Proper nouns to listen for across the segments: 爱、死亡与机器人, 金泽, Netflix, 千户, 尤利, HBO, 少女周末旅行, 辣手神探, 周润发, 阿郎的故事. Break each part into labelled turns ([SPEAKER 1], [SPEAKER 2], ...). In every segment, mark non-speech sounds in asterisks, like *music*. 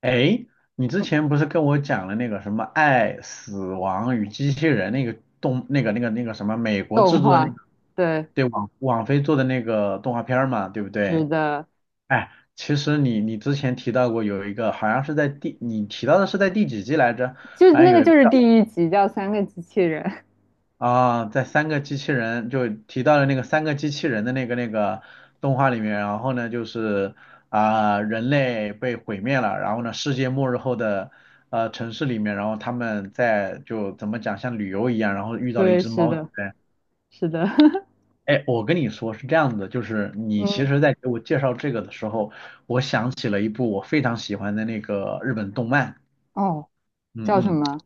[SPEAKER 1] 哎，你之前不是跟我讲了那个什么《爱、死亡与机器人》那个动那个那个那个什么美国
[SPEAKER 2] 动
[SPEAKER 1] 制作的那
[SPEAKER 2] 画。
[SPEAKER 1] 个
[SPEAKER 2] 对，
[SPEAKER 1] 对网飞做的那个动画片儿嘛，对不
[SPEAKER 2] 是
[SPEAKER 1] 对？
[SPEAKER 2] 的。
[SPEAKER 1] 哎，其实你之前提到过有一个好像是你提到的是在第几季来着？
[SPEAKER 2] 就
[SPEAKER 1] 好像
[SPEAKER 2] 那个
[SPEAKER 1] 有一个。
[SPEAKER 2] 第一集叫《三个机器人》。
[SPEAKER 1] 啊，在三个机器人就提到了那个三个机器人的那个动画里面，然后呢就是人类被毁灭了，然后呢世界末日后的城市里面，然后他们在就怎么讲像旅游一样，然后遇
[SPEAKER 2] *laughs*
[SPEAKER 1] 到了一
[SPEAKER 2] 对，
[SPEAKER 1] 只
[SPEAKER 2] 是
[SPEAKER 1] 猫，对
[SPEAKER 2] 的，
[SPEAKER 1] 不对？
[SPEAKER 2] 是的。
[SPEAKER 1] 哎，我跟你说是这样子的，就是
[SPEAKER 2] *laughs*
[SPEAKER 1] 你其
[SPEAKER 2] 嗯。
[SPEAKER 1] 实在给我介绍这个的时候，我想起了一部我非常喜欢的那个日本动漫，
[SPEAKER 2] 哦，
[SPEAKER 1] 嗯
[SPEAKER 2] 叫什
[SPEAKER 1] 嗯，
[SPEAKER 2] 么？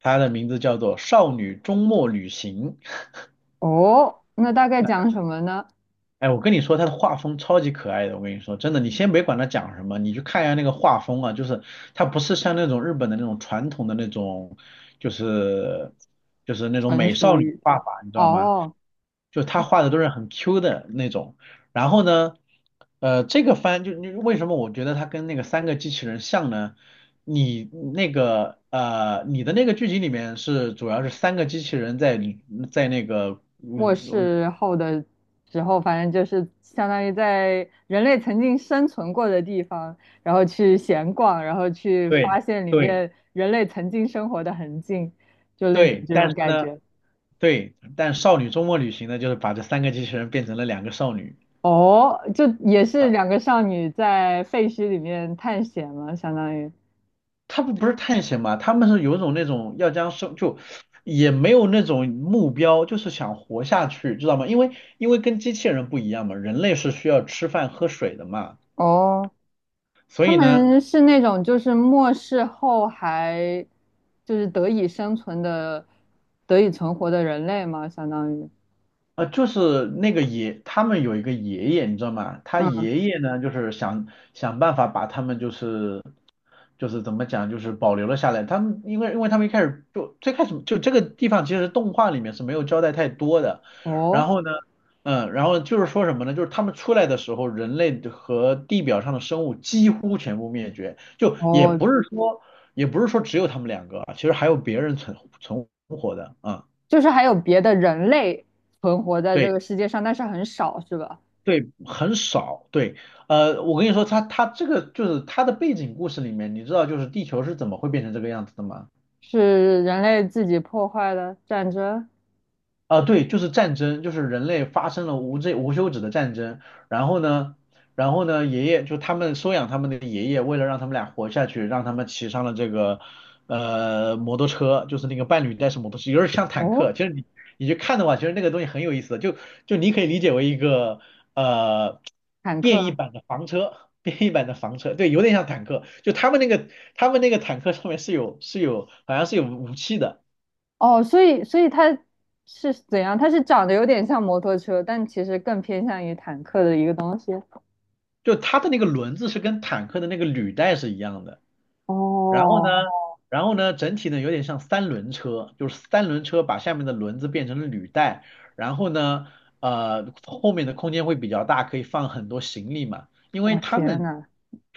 [SPEAKER 1] 它的名字叫做《少女周末旅行》。
[SPEAKER 2] 哦，那大概讲什么呢？
[SPEAKER 1] 哎，我跟你说，他的画风超级可爱的，我跟你说，真的，你先别管他讲什么，你去看一下那个画风啊，就是他不是像那种日本的那种传统的那种，就是就是那种
[SPEAKER 2] 成
[SPEAKER 1] 美
[SPEAKER 2] 熟
[SPEAKER 1] 少女
[SPEAKER 2] 一
[SPEAKER 1] 画
[SPEAKER 2] 点。
[SPEAKER 1] 法，你知道吗？
[SPEAKER 2] 哦，
[SPEAKER 1] 就他画的都是很 Q 的那种。然后呢，这个番就你为什么我觉得他跟那个三个机器人像呢？你那个你的那个剧集里面是主要是三个机器人在那个
[SPEAKER 2] 末
[SPEAKER 1] 嗯
[SPEAKER 2] 世后的时候，反正就是相当于在人类曾经生存过的地方，然后去闲逛，然后去
[SPEAKER 1] 对。
[SPEAKER 2] 发现里
[SPEAKER 1] 对
[SPEAKER 2] 面人类曾经生活的痕迹，就类似
[SPEAKER 1] 对，
[SPEAKER 2] 这
[SPEAKER 1] 但
[SPEAKER 2] 种
[SPEAKER 1] 是
[SPEAKER 2] 感
[SPEAKER 1] 呢，
[SPEAKER 2] 觉。
[SPEAKER 1] 对，但少女周末旅行呢，就是把这三个机器人变成了两个少女。
[SPEAKER 2] 哦，就也是
[SPEAKER 1] 啊，
[SPEAKER 2] 两个少女在废墟里面探险嘛，相当于。
[SPEAKER 1] 他们不是探险嘛，他们是有一种那种要将生就也没有那种目标，就是想活下去，知道吗？因为跟机器人不一样嘛，人类是需要吃饭喝水的嘛，
[SPEAKER 2] 哦，
[SPEAKER 1] 所
[SPEAKER 2] 他
[SPEAKER 1] 以呢，
[SPEAKER 2] 们是那种就是末世后还得以生存的、得以存活的人类嘛，相当于。
[SPEAKER 1] 就是那个爷，他们有一个爷爷，你知道吗？他
[SPEAKER 2] 嗯。
[SPEAKER 1] 爷爷呢，就是想想办法把他们就是。就是怎么讲，就是保留了下来。他们因为他们一开始就最开始就这个地方其实动画里面是没有交代太多的，
[SPEAKER 2] 哦
[SPEAKER 1] 然后呢，嗯，然后就是说什么呢？就是他们出来的时候，人类和地表上的生物几乎全部灭绝，就也
[SPEAKER 2] 哦，
[SPEAKER 1] 不是说只有他们两个啊，其实还有别人存活的啊。
[SPEAKER 2] 就是还有别的人类存活在这
[SPEAKER 1] 对
[SPEAKER 2] 个世界上，但是很少，是吧？
[SPEAKER 1] 对，很少。对，我跟你说，他这个就是他的背景故事里面，你知道就是地球是怎么会变成这个样子的吗？
[SPEAKER 2] 是人类自己破坏的战争。
[SPEAKER 1] 啊，对，就是战争，就是人类发生了无休止的战争。然后呢，爷爷就他们收养他们的爷爷，为了让他们俩活下去，让他们骑上了这个摩托车，就是那个伴侣带式摩托车，有点像坦
[SPEAKER 2] 哦，
[SPEAKER 1] 克。其实你去看的话，其实那个东西很有意思的，就你可以理解为一个呃
[SPEAKER 2] 坦
[SPEAKER 1] 变异
[SPEAKER 2] 克。
[SPEAKER 1] 版的房车，对，有点像坦克。就他们那个坦克上面是有是有好像是有武器的。
[SPEAKER 2] 哦，所以所以它是怎样？它是长得有点像摩托车，但其实更偏向于坦克的一个东西。
[SPEAKER 1] 就它的那个轮子是跟坦克的那个履带是一样的，然后呢，
[SPEAKER 2] 哦，
[SPEAKER 1] 整体呢有点像三轮车，就是三轮车把下面的轮子变成了履带，然后呢，后面的空间会比较大，可以放很多行李嘛，因为
[SPEAKER 2] 我
[SPEAKER 1] 他
[SPEAKER 2] 天
[SPEAKER 1] 们
[SPEAKER 2] 呐，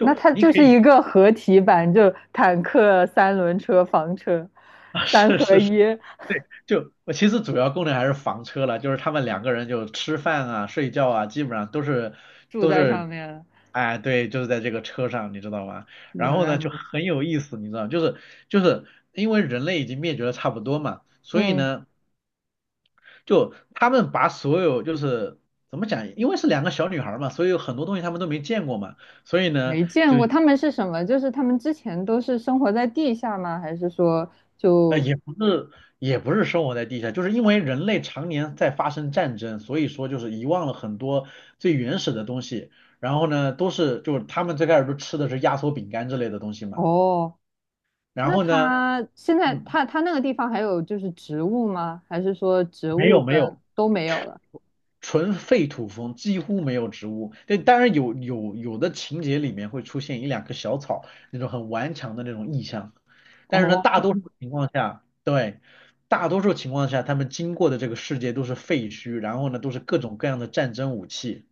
[SPEAKER 2] 那它
[SPEAKER 1] 你
[SPEAKER 2] 就
[SPEAKER 1] 可
[SPEAKER 2] 是
[SPEAKER 1] 以，
[SPEAKER 2] 一个合体版，就坦克、三轮车、房车，
[SPEAKER 1] *laughs* 啊，
[SPEAKER 2] 三
[SPEAKER 1] 是
[SPEAKER 2] 合
[SPEAKER 1] 是是，
[SPEAKER 2] 一，
[SPEAKER 1] 对，就我其实主要功能还是房车了，就是他们两个人就吃饭啊、睡觉啊，基本上
[SPEAKER 2] 住
[SPEAKER 1] 都
[SPEAKER 2] 在
[SPEAKER 1] 是，
[SPEAKER 2] 上面了。
[SPEAKER 1] 哎，对，就是在这个车上，你知道吗？然
[SPEAKER 2] 原
[SPEAKER 1] 后
[SPEAKER 2] 来
[SPEAKER 1] 呢，就
[SPEAKER 2] 如此。
[SPEAKER 1] 很有意思，你知道吗就是因为人类已经灭绝的差不多嘛，所以
[SPEAKER 2] 嗯，
[SPEAKER 1] 呢，就他们把所有就是怎么讲，因为是两个小女孩儿嘛，所以有很多东西他们都没见过嘛，所以呢。
[SPEAKER 2] 没见过他们是什么？就是他们之前都是生活在地下吗？还是说就
[SPEAKER 1] 也不是，也不是生活在地下，就是因为人类常年在发生战争，所以说就是遗忘了很多最原始的东西。然后呢，都是就是他们最开始都吃的是压缩饼干之类的东西嘛。
[SPEAKER 2] 哦？
[SPEAKER 1] 然
[SPEAKER 2] 那
[SPEAKER 1] 后呢，
[SPEAKER 2] 它现在
[SPEAKER 1] 嗯，
[SPEAKER 2] 它它那个地方还有就是植物吗？还是说植
[SPEAKER 1] 没
[SPEAKER 2] 物
[SPEAKER 1] 有没
[SPEAKER 2] 跟
[SPEAKER 1] 有，
[SPEAKER 2] 都没有了？
[SPEAKER 1] 纯废土风，几乎没有植物。对，当然有的情节里面会出现一两棵小草，那种很顽强的那种意象。但是呢，大
[SPEAKER 2] 哦，
[SPEAKER 1] 多数情况下，对，大多数情况下，他们经过的这个世界都是废墟，然后呢，都是各种各样的战争武器。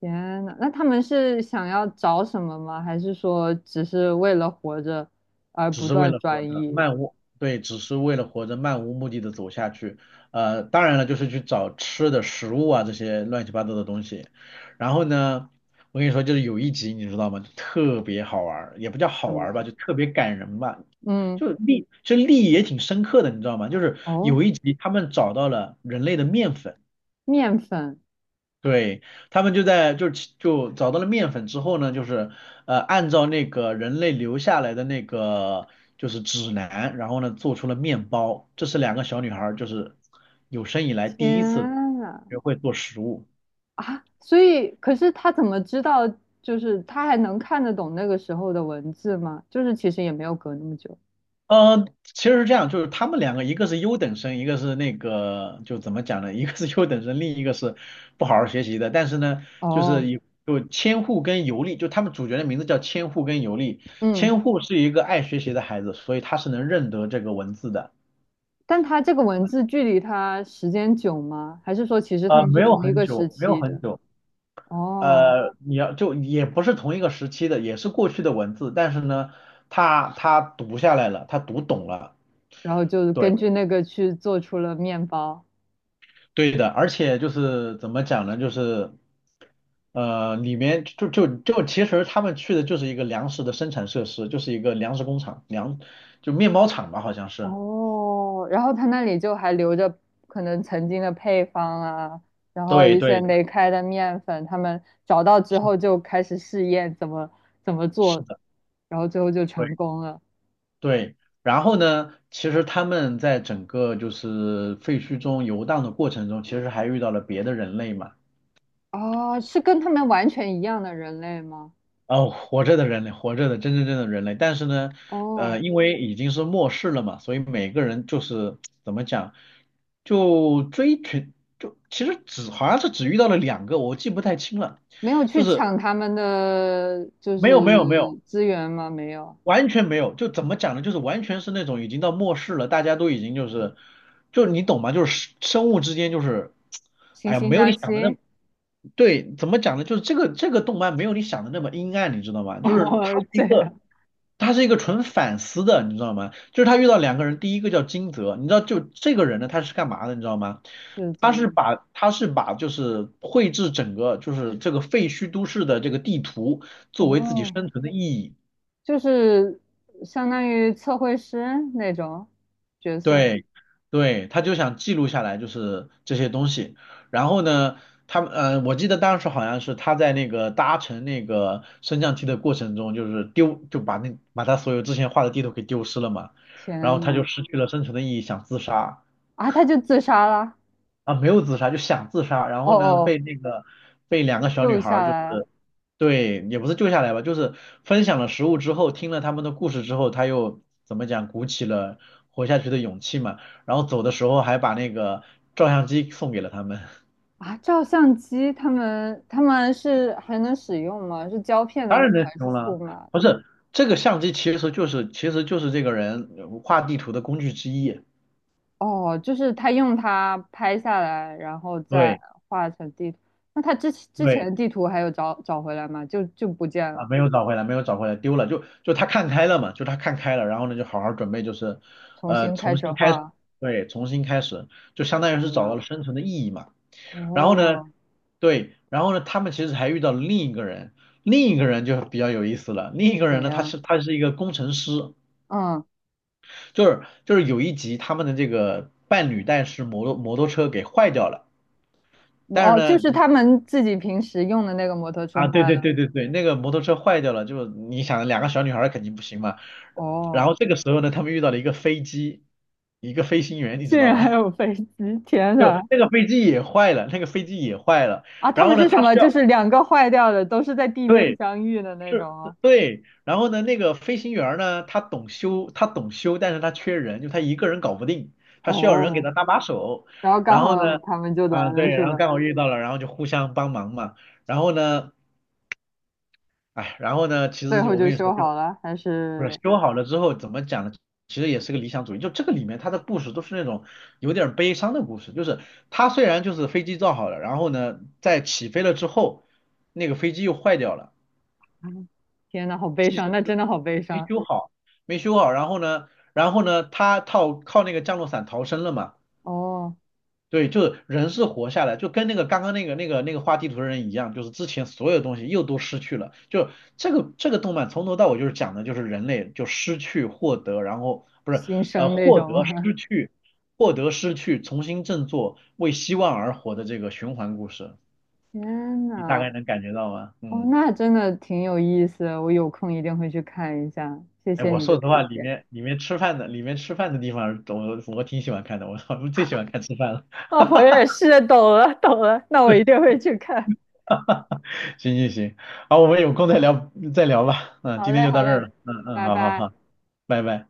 [SPEAKER 2] 天呐，那他们是想要找什么吗？还是说只是为了活着而
[SPEAKER 1] 只
[SPEAKER 2] 不
[SPEAKER 1] 是为
[SPEAKER 2] 断
[SPEAKER 1] 了活着，
[SPEAKER 2] 转移？
[SPEAKER 1] 漫无，对，只是为了活着，漫无目的的走下去。当然了，就是去找吃的食物啊，这些乱七八糟的东西。然后呢，我跟你说，就是有一集你知道吗？就特别好玩儿，也不叫
[SPEAKER 2] 怎
[SPEAKER 1] 好
[SPEAKER 2] 么
[SPEAKER 1] 玩儿吧，
[SPEAKER 2] 了？
[SPEAKER 1] 就特别感人吧，
[SPEAKER 2] 嗯。
[SPEAKER 1] 就立意也挺深刻的，你知道吗？就是
[SPEAKER 2] 哦，
[SPEAKER 1] 有一集他们找到了人类的面粉。
[SPEAKER 2] 面粉。
[SPEAKER 1] 对，他们就在就其就找到了面粉之后呢，就是按照那个人类留下来的那个就是指南，然后呢做出了面包。这是两个小女孩儿就是有生以来第
[SPEAKER 2] 天
[SPEAKER 1] 一次
[SPEAKER 2] 呐，
[SPEAKER 1] 学会做食物。
[SPEAKER 2] 啊！所以，可是他怎么知道？就是他还能看得懂那个时候的文字吗？就是其实也没有隔那么久。
[SPEAKER 1] 其实是这样，就是他们两个，一个是优等生，一个是那个，就怎么讲呢？*laughs* 一个是优等生，另一个是不好好学习的。但是呢，就
[SPEAKER 2] 哦。
[SPEAKER 1] 是有千户跟尤利，就他们主角的名字叫千户跟尤利。
[SPEAKER 2] 嗯。
[SPEAKER 1] 千户是一个爱学习的孩子，所以他是能认得这个文字的。
[SPEAKER 2] 但它这个文字距离它时间久吗？还是说其实他们
[SPEAKER 1] 没
[SPEAKER 2] 是
[SPEAKER 1] 有
[SPEAKER 2] 同一
[SPEAKER 1] 很
[SPEAKER 2] 个时
[SPEAKER 1] 久，没有
[SPEAKER 2] 期
[SPEAKER 1] 很
[SPEAKER 2] 的？
[SPEAKER 1] 久。
[SPEAKER 2] 哦，
[SPEAKER 1] 你要就也不是同一个时期的，也是过去的文字，但是呢，他读下来了，他读懂了。
[SPEAKER 2] 然后就根
[SPEAKER 1] 对。
[SPEAKER 2] 据那个去做出了面包。
[SPEAKER 1] 对的，而且就是怎么讲呢？就是里面就就就其实他们去的就是一个粮食的生产设施，就是一个粮食工厂，就面包厂吧，好像是。
[SPEAKER 2] 哦，然后他那里就还留着可能曾经的配方啊，然后
[SPEAKER 1] 对
[SPEAKER 2] 一些
[SPEAKER 1] 对，
[SPEAKER 2] 没开的面粉，他们找到之
[SPEAKER 1] 是的
[SPEAKER 2] 后就开始试验怎么
[SPEAKER 1] 是
[SPEAKER 2] 做，
[SPEAKER 1] 的，
[SPEAKER 2] 然后最后就成
[SPEAKER 1] 对
[SPEAKER 2] 功了。
[SPEAKER 1] 对。然后呢，其实他们在整个就是废墟中游荡的过程中，其实还遇到了别的人类嘛。
[SPEAKER 2] 哦，是跟他们完全一样的人类吗？
[SPEAKER 1] 哦，活着的人类，活着的真正的人类，但是呢，
[SPEAKER 2] 哦，
[SPEAKER 1] 因为已经是末世了嘛，所以每个人就是怎么讲，就追寻，就其实只好像是只遇到了两个，我记不太清了，
[SPEAKER 2] 没有
[SPEAKER 1] 就
[SPEAKER 2] 去
[SPEAKER 1] 是
[SPEAKER 2] 抢他们的
[SPEAKER 1] 没有没有没有
[SPEAKER 2] 资源吗？没有，
[SPEAKER 1] 完全没有，就怎么讲呢？就是完全是那种已经到末世了，大家都已经就是，就你懂吗？就是生物之间就是，
[SPEAKER 2] 惺
[SPEAKER 1] 哎呀，
[SPEAKER 2] 惺
[SPEAKER 1] 没有你
[SPEAKER 2] 相
[SPEAKER 1] 想的那
[SPEAKER 2] 惜。
[SPEAKER 1] 么，对，怎么讲呢？就是这个动漫没有你想的那么阴暗，你知道吗？
[SPEAKER 2] *laughs*
[SPEAKER 1] 就是它
[SPEAKER 2] 哦，
[SPEAKER 1] 是一
[SPEAKER 2] 这
[SPEAKER 1] 个，
[SPEAKER 2] 样。
[SPEAKER 1] 它是一个纯反思的，你知道吗？就是他遇到两个人，第一个叫金泽，你知道就这个人呢，他是干嘛的，你知道吗？
[SPEAKER 2] 是怎样？
[SPEAKER 1] 他是把就是绘制整个就是这个废墟都市的这个地图作为自己
[SPEAKER 2] 哦，
[SPEAKER 1] 生存的意义。
[SPEAKER 2] 就是相当于测绘师那种角色。
[SPEAKER 1] 对，对，他就想记录下来，就是这些东西。然后呢，他们我记得当时好像是他在那个搭乘那个升降梯的过程中，就是丢，就把他所有之前画的地图给丢失了嘛，然后
[SPEAKER 2] 天
[SPEAKER 1] 他就
[SPEAKER 2] 呐，
[SPEAKER 1] 失去了生存的意义，想自杀。
[SPEAKER 2] 啊，他就自杀了。
[SPEAKER 1] 啊，没有自杀，就想自杀，然
[SPEAKER 2] 哦
[SPEAKER 1] 后呢，
[SPEAKER 2] 哦，
[SPEAKER 1] 被两个小女
[SPEAKER 2] 救
[SPEAKER 1] 孩
[SPEAKER 2] 下
[SPEAKER 1] 儿就是
[SPEAKER 2] 来了。
[SPEAKER 1] 对，也不是救下来吧，就是分享了食物之后，听了他们的故事之后，他又怎么讲，鼓起了活下去的勇气嘛，然后走的时候还把那个照相机送给了他们，
[SPEAKER 2] 啊，照相机他们是还能使用吗？是胶片
[SPEAKER 1] *laughs*
[SPEAKER 2] 的
[SPEAKER 1] 当
[SPEAKER 2] 那
[SPEAKER 1] 然
[SPEAKER 2] 种
[SPEAKER 1] 能
[SPEAKER 2] 还
[SPEAKER 1] 使
[SPEAKER 2] 是
[SPEAKER 1] 用
[SPEAKER 2] 数
[SPEAKER 1] 了，
[SPEAKER 2] 码？
[SPEAKER 1] 不是这个相机其实就是这个人画地图的工具之一，
[SPEAKER 2] 哦，就是他用它拍下来，然后再
[SPEAKER 1] 对
[SPEAKER 2] 画成地图。那他之前
[SPEAKER 1] 对。
[SPEAKER 2] 的地图还有找回来吗？就就不见了，
[SPEAKER 1] 啊，没有找回来，没有找回来，丢了，就他看开了嘛，就他看开了，然后呢，就好好准备，就是，
[SPEAKER 2] 重新开
[SPEAKER 1] 重
[SPEAKER 2] 始
[SPEAKER 1] 新开始，
[SPEAKER 2] 画。
[SPEAKER 1] 对，重新开始，就相当于是
[SPEAKER 2] 天
[SPEAKER 1] 找到
[SPEAKER 2] 呐。
[SPEAKER 1] 了生存的意义嘛。然后呢，
[SPEAKER 2] 哦，
[SPEAKER 1] 对，然后呢，他们其实还遇到了另一个人，另一个人就比较有意思了。另一个
[SPEAKER 2] 怎
[SPEAKER 1] 人呢，他
[SPEAKER 2] 样？
[SPEAKER 1] 是他是一个工程师，
[SPEAKER 2] 嗯。
[SPEAKER 1] 就是有一集他们的这个伴侣带是摩托车给坏掉了，但是
[SPEAKER 2] 哦，就
[SPEAKER 1] 呢，
[SPEAKER 2] 是他们自己平时用的那个摩托车
[SPEAKER 1] 啊，对
[SPEAKER 2] 坏
[SPEAKER 1] 对
[SPEAKER 2] 了。
[SPEAKER 1] 对对对，那个摩托车坏掉了，就是你想两个小女孩儿肯定不行嘛。
[SPEAKER 2] 哦，
[SPEAKER 1] 然后这个时候呢，他们遇到了一个飞机，一个飞行员，你
[SPEAKER 2] 竟
[SPEAKER 1] 知道
[SPEAKER 2] 然还
[SPEAKER 1] 吗？
[SPEAKER 2] 有飞机！天
[SPEAKER 1] *laughs* 就
[SPEAKER 2] 呐，
[SPEAKER 1] 那个飞机也坏了，那个飞机也坏了。
[SPEAKER 2] 啊，他
[SPEAKER 1] 然
[SPEAKER 2] 们
[SPEAKER 1] 后呢，
[SPEAKER 2] 是什
[SPEAKER 1] 他
[SPEAKER 2] 么？
[SPEAKER 1] 需
[SPEAKER 2] 就
[SPEAKER 1] 要，
[SPEAKER 2] 是两个坏掉的，都是在地面
[SPEAKER 1] 对，
[SPEAKER 2] 相遇的那种
[SPEAKER 1] 是，
[SPEAKER 2] 哦。
[SPEAKER 1] 对。然后呢，那个飞行员儿呢，他懂修，他懂修，但是他缺人，就他一个人搞不定，他需要人给
[SPEAKER 2] 哦，
[SPEAKER 1] 他搭把手。
[SPEAKER 2] 然后刚
[SPEAKER 1] 然后
[SPEAKER 2] 好
[SPEAKER 1] 呢，
[SPEAKER 2] 他们就
[SPEAKER 1] 啊，
[SPEAKER 2] 来
[SPEAKER 1] 对，
[SPEAKER 2] 了，是
[SPEAKER 1] 然后
[SPEAKER 2] 吧？
[SPEAKER 1] 刚好遇到了，然后就互相帮忙嘛。然后呢，哎，然后呢，其
[SPEAKER 2] 最
[SPEAKER 1] 实就
[SPEAKER 2] 后
[SPEAKER 1] 我
[SPEAKER 2] 就
[SPEAKER 1] 跟你说，
[SPEAKER 2] 修
[SPEAKER 1] 就。
[SPEAKER 2] 好了，还
[SPEAKER 1] 不是
[SPEAKER 2] 是？
[SPEAKER 1] 修好了之后怎么讲呢？其实也是个理想主义，就这个里面它的故事都是那种有点儿悲伤的故事，就是它虽然就是飞机造好了，然后呢，在起飞了之后，那个飞机又坏掉了，
[SPEAKER 2] *laughs* 嗯。天呐，好悲
[SPEAKER 1] 机
[SPEAKER 2] 伤，
[SPEAKER 1] 身
[SPEAKER 2] 那真的好悲
[SPEAKER 1] 没
[SPEAKER 2] 伤。
[SPEAKER 1] 修好，没修好，然后呢，然后呢，他靠那个降落伞逃生了嘛。
[SPEAKER 2] 哦，
[SPEAKER 1] 对，就是人是活下来，就跟那个刚刚那个画地图的人一样，就是之前所有东西又都失去了。就这个动漫从头到尾就是讲的就是人类就失去、获得，然后不是
[SPEAKER 2] 新生那
[SPEAKER 1] 获
[SPEAKER 2] 种
[SPEAKER 1] 得、
[SPEAKER 2] 啊。
[SPEAKER 1] 失去、获得、失去，重新振作，为希望而活的这个循环故事，
[SPEAKER 2] *laughs* 天
[SPEAKER 1] 你大
[SPEAKER 2] 呐。
[SPEAKER 1] 概能感觉到吗？
[SPEAKER 2] 哦，
[SPEAKER 1] 嗯，
[SPEAKER 2] 那真的挺有意思，我有空一定会去看一下，谢
[SPEAKER 1] 哎，
[SPEAKER 2] 谢
[SPEAKER 1] 我
[SPEAKER 2] 你的
[SPEAKER 1] 说实话，
[SPEAKER 2] 推
[SPEAKER 1] 里
[SPEAKER 2] 荐。
[SPEAKER 1] 面里面吃饭的里面吃饭的地方，我挺喜欢看的，我 *laughs* 我最喜欢看吃饭了。
[SPEAKER 2] 哦，我
[SPEAKER 1] *laughs*
[SPEAKER 2] 也是，懂了懂了，那我一定会去看。
[SPEAKER 1] 行行行，好，我们有空再聊吧。嗯，
[SPEAKER 2] 好
[SPEAKER 1] 今天
[SPEAKER 2] 嘞
[SPEAKER 1] 就
[SPEAKER 2] 好
[SPEAKER 1] 到这儿
[SPEAKER 2] 嘞，
[SPEAKER 1] 了。嗯嗯，
[SPEAKER 2] 拜
[SPEAKER 1] 好好
[SPEAKER 2] 拜。
[SPEAKER 1] 好，拜拜。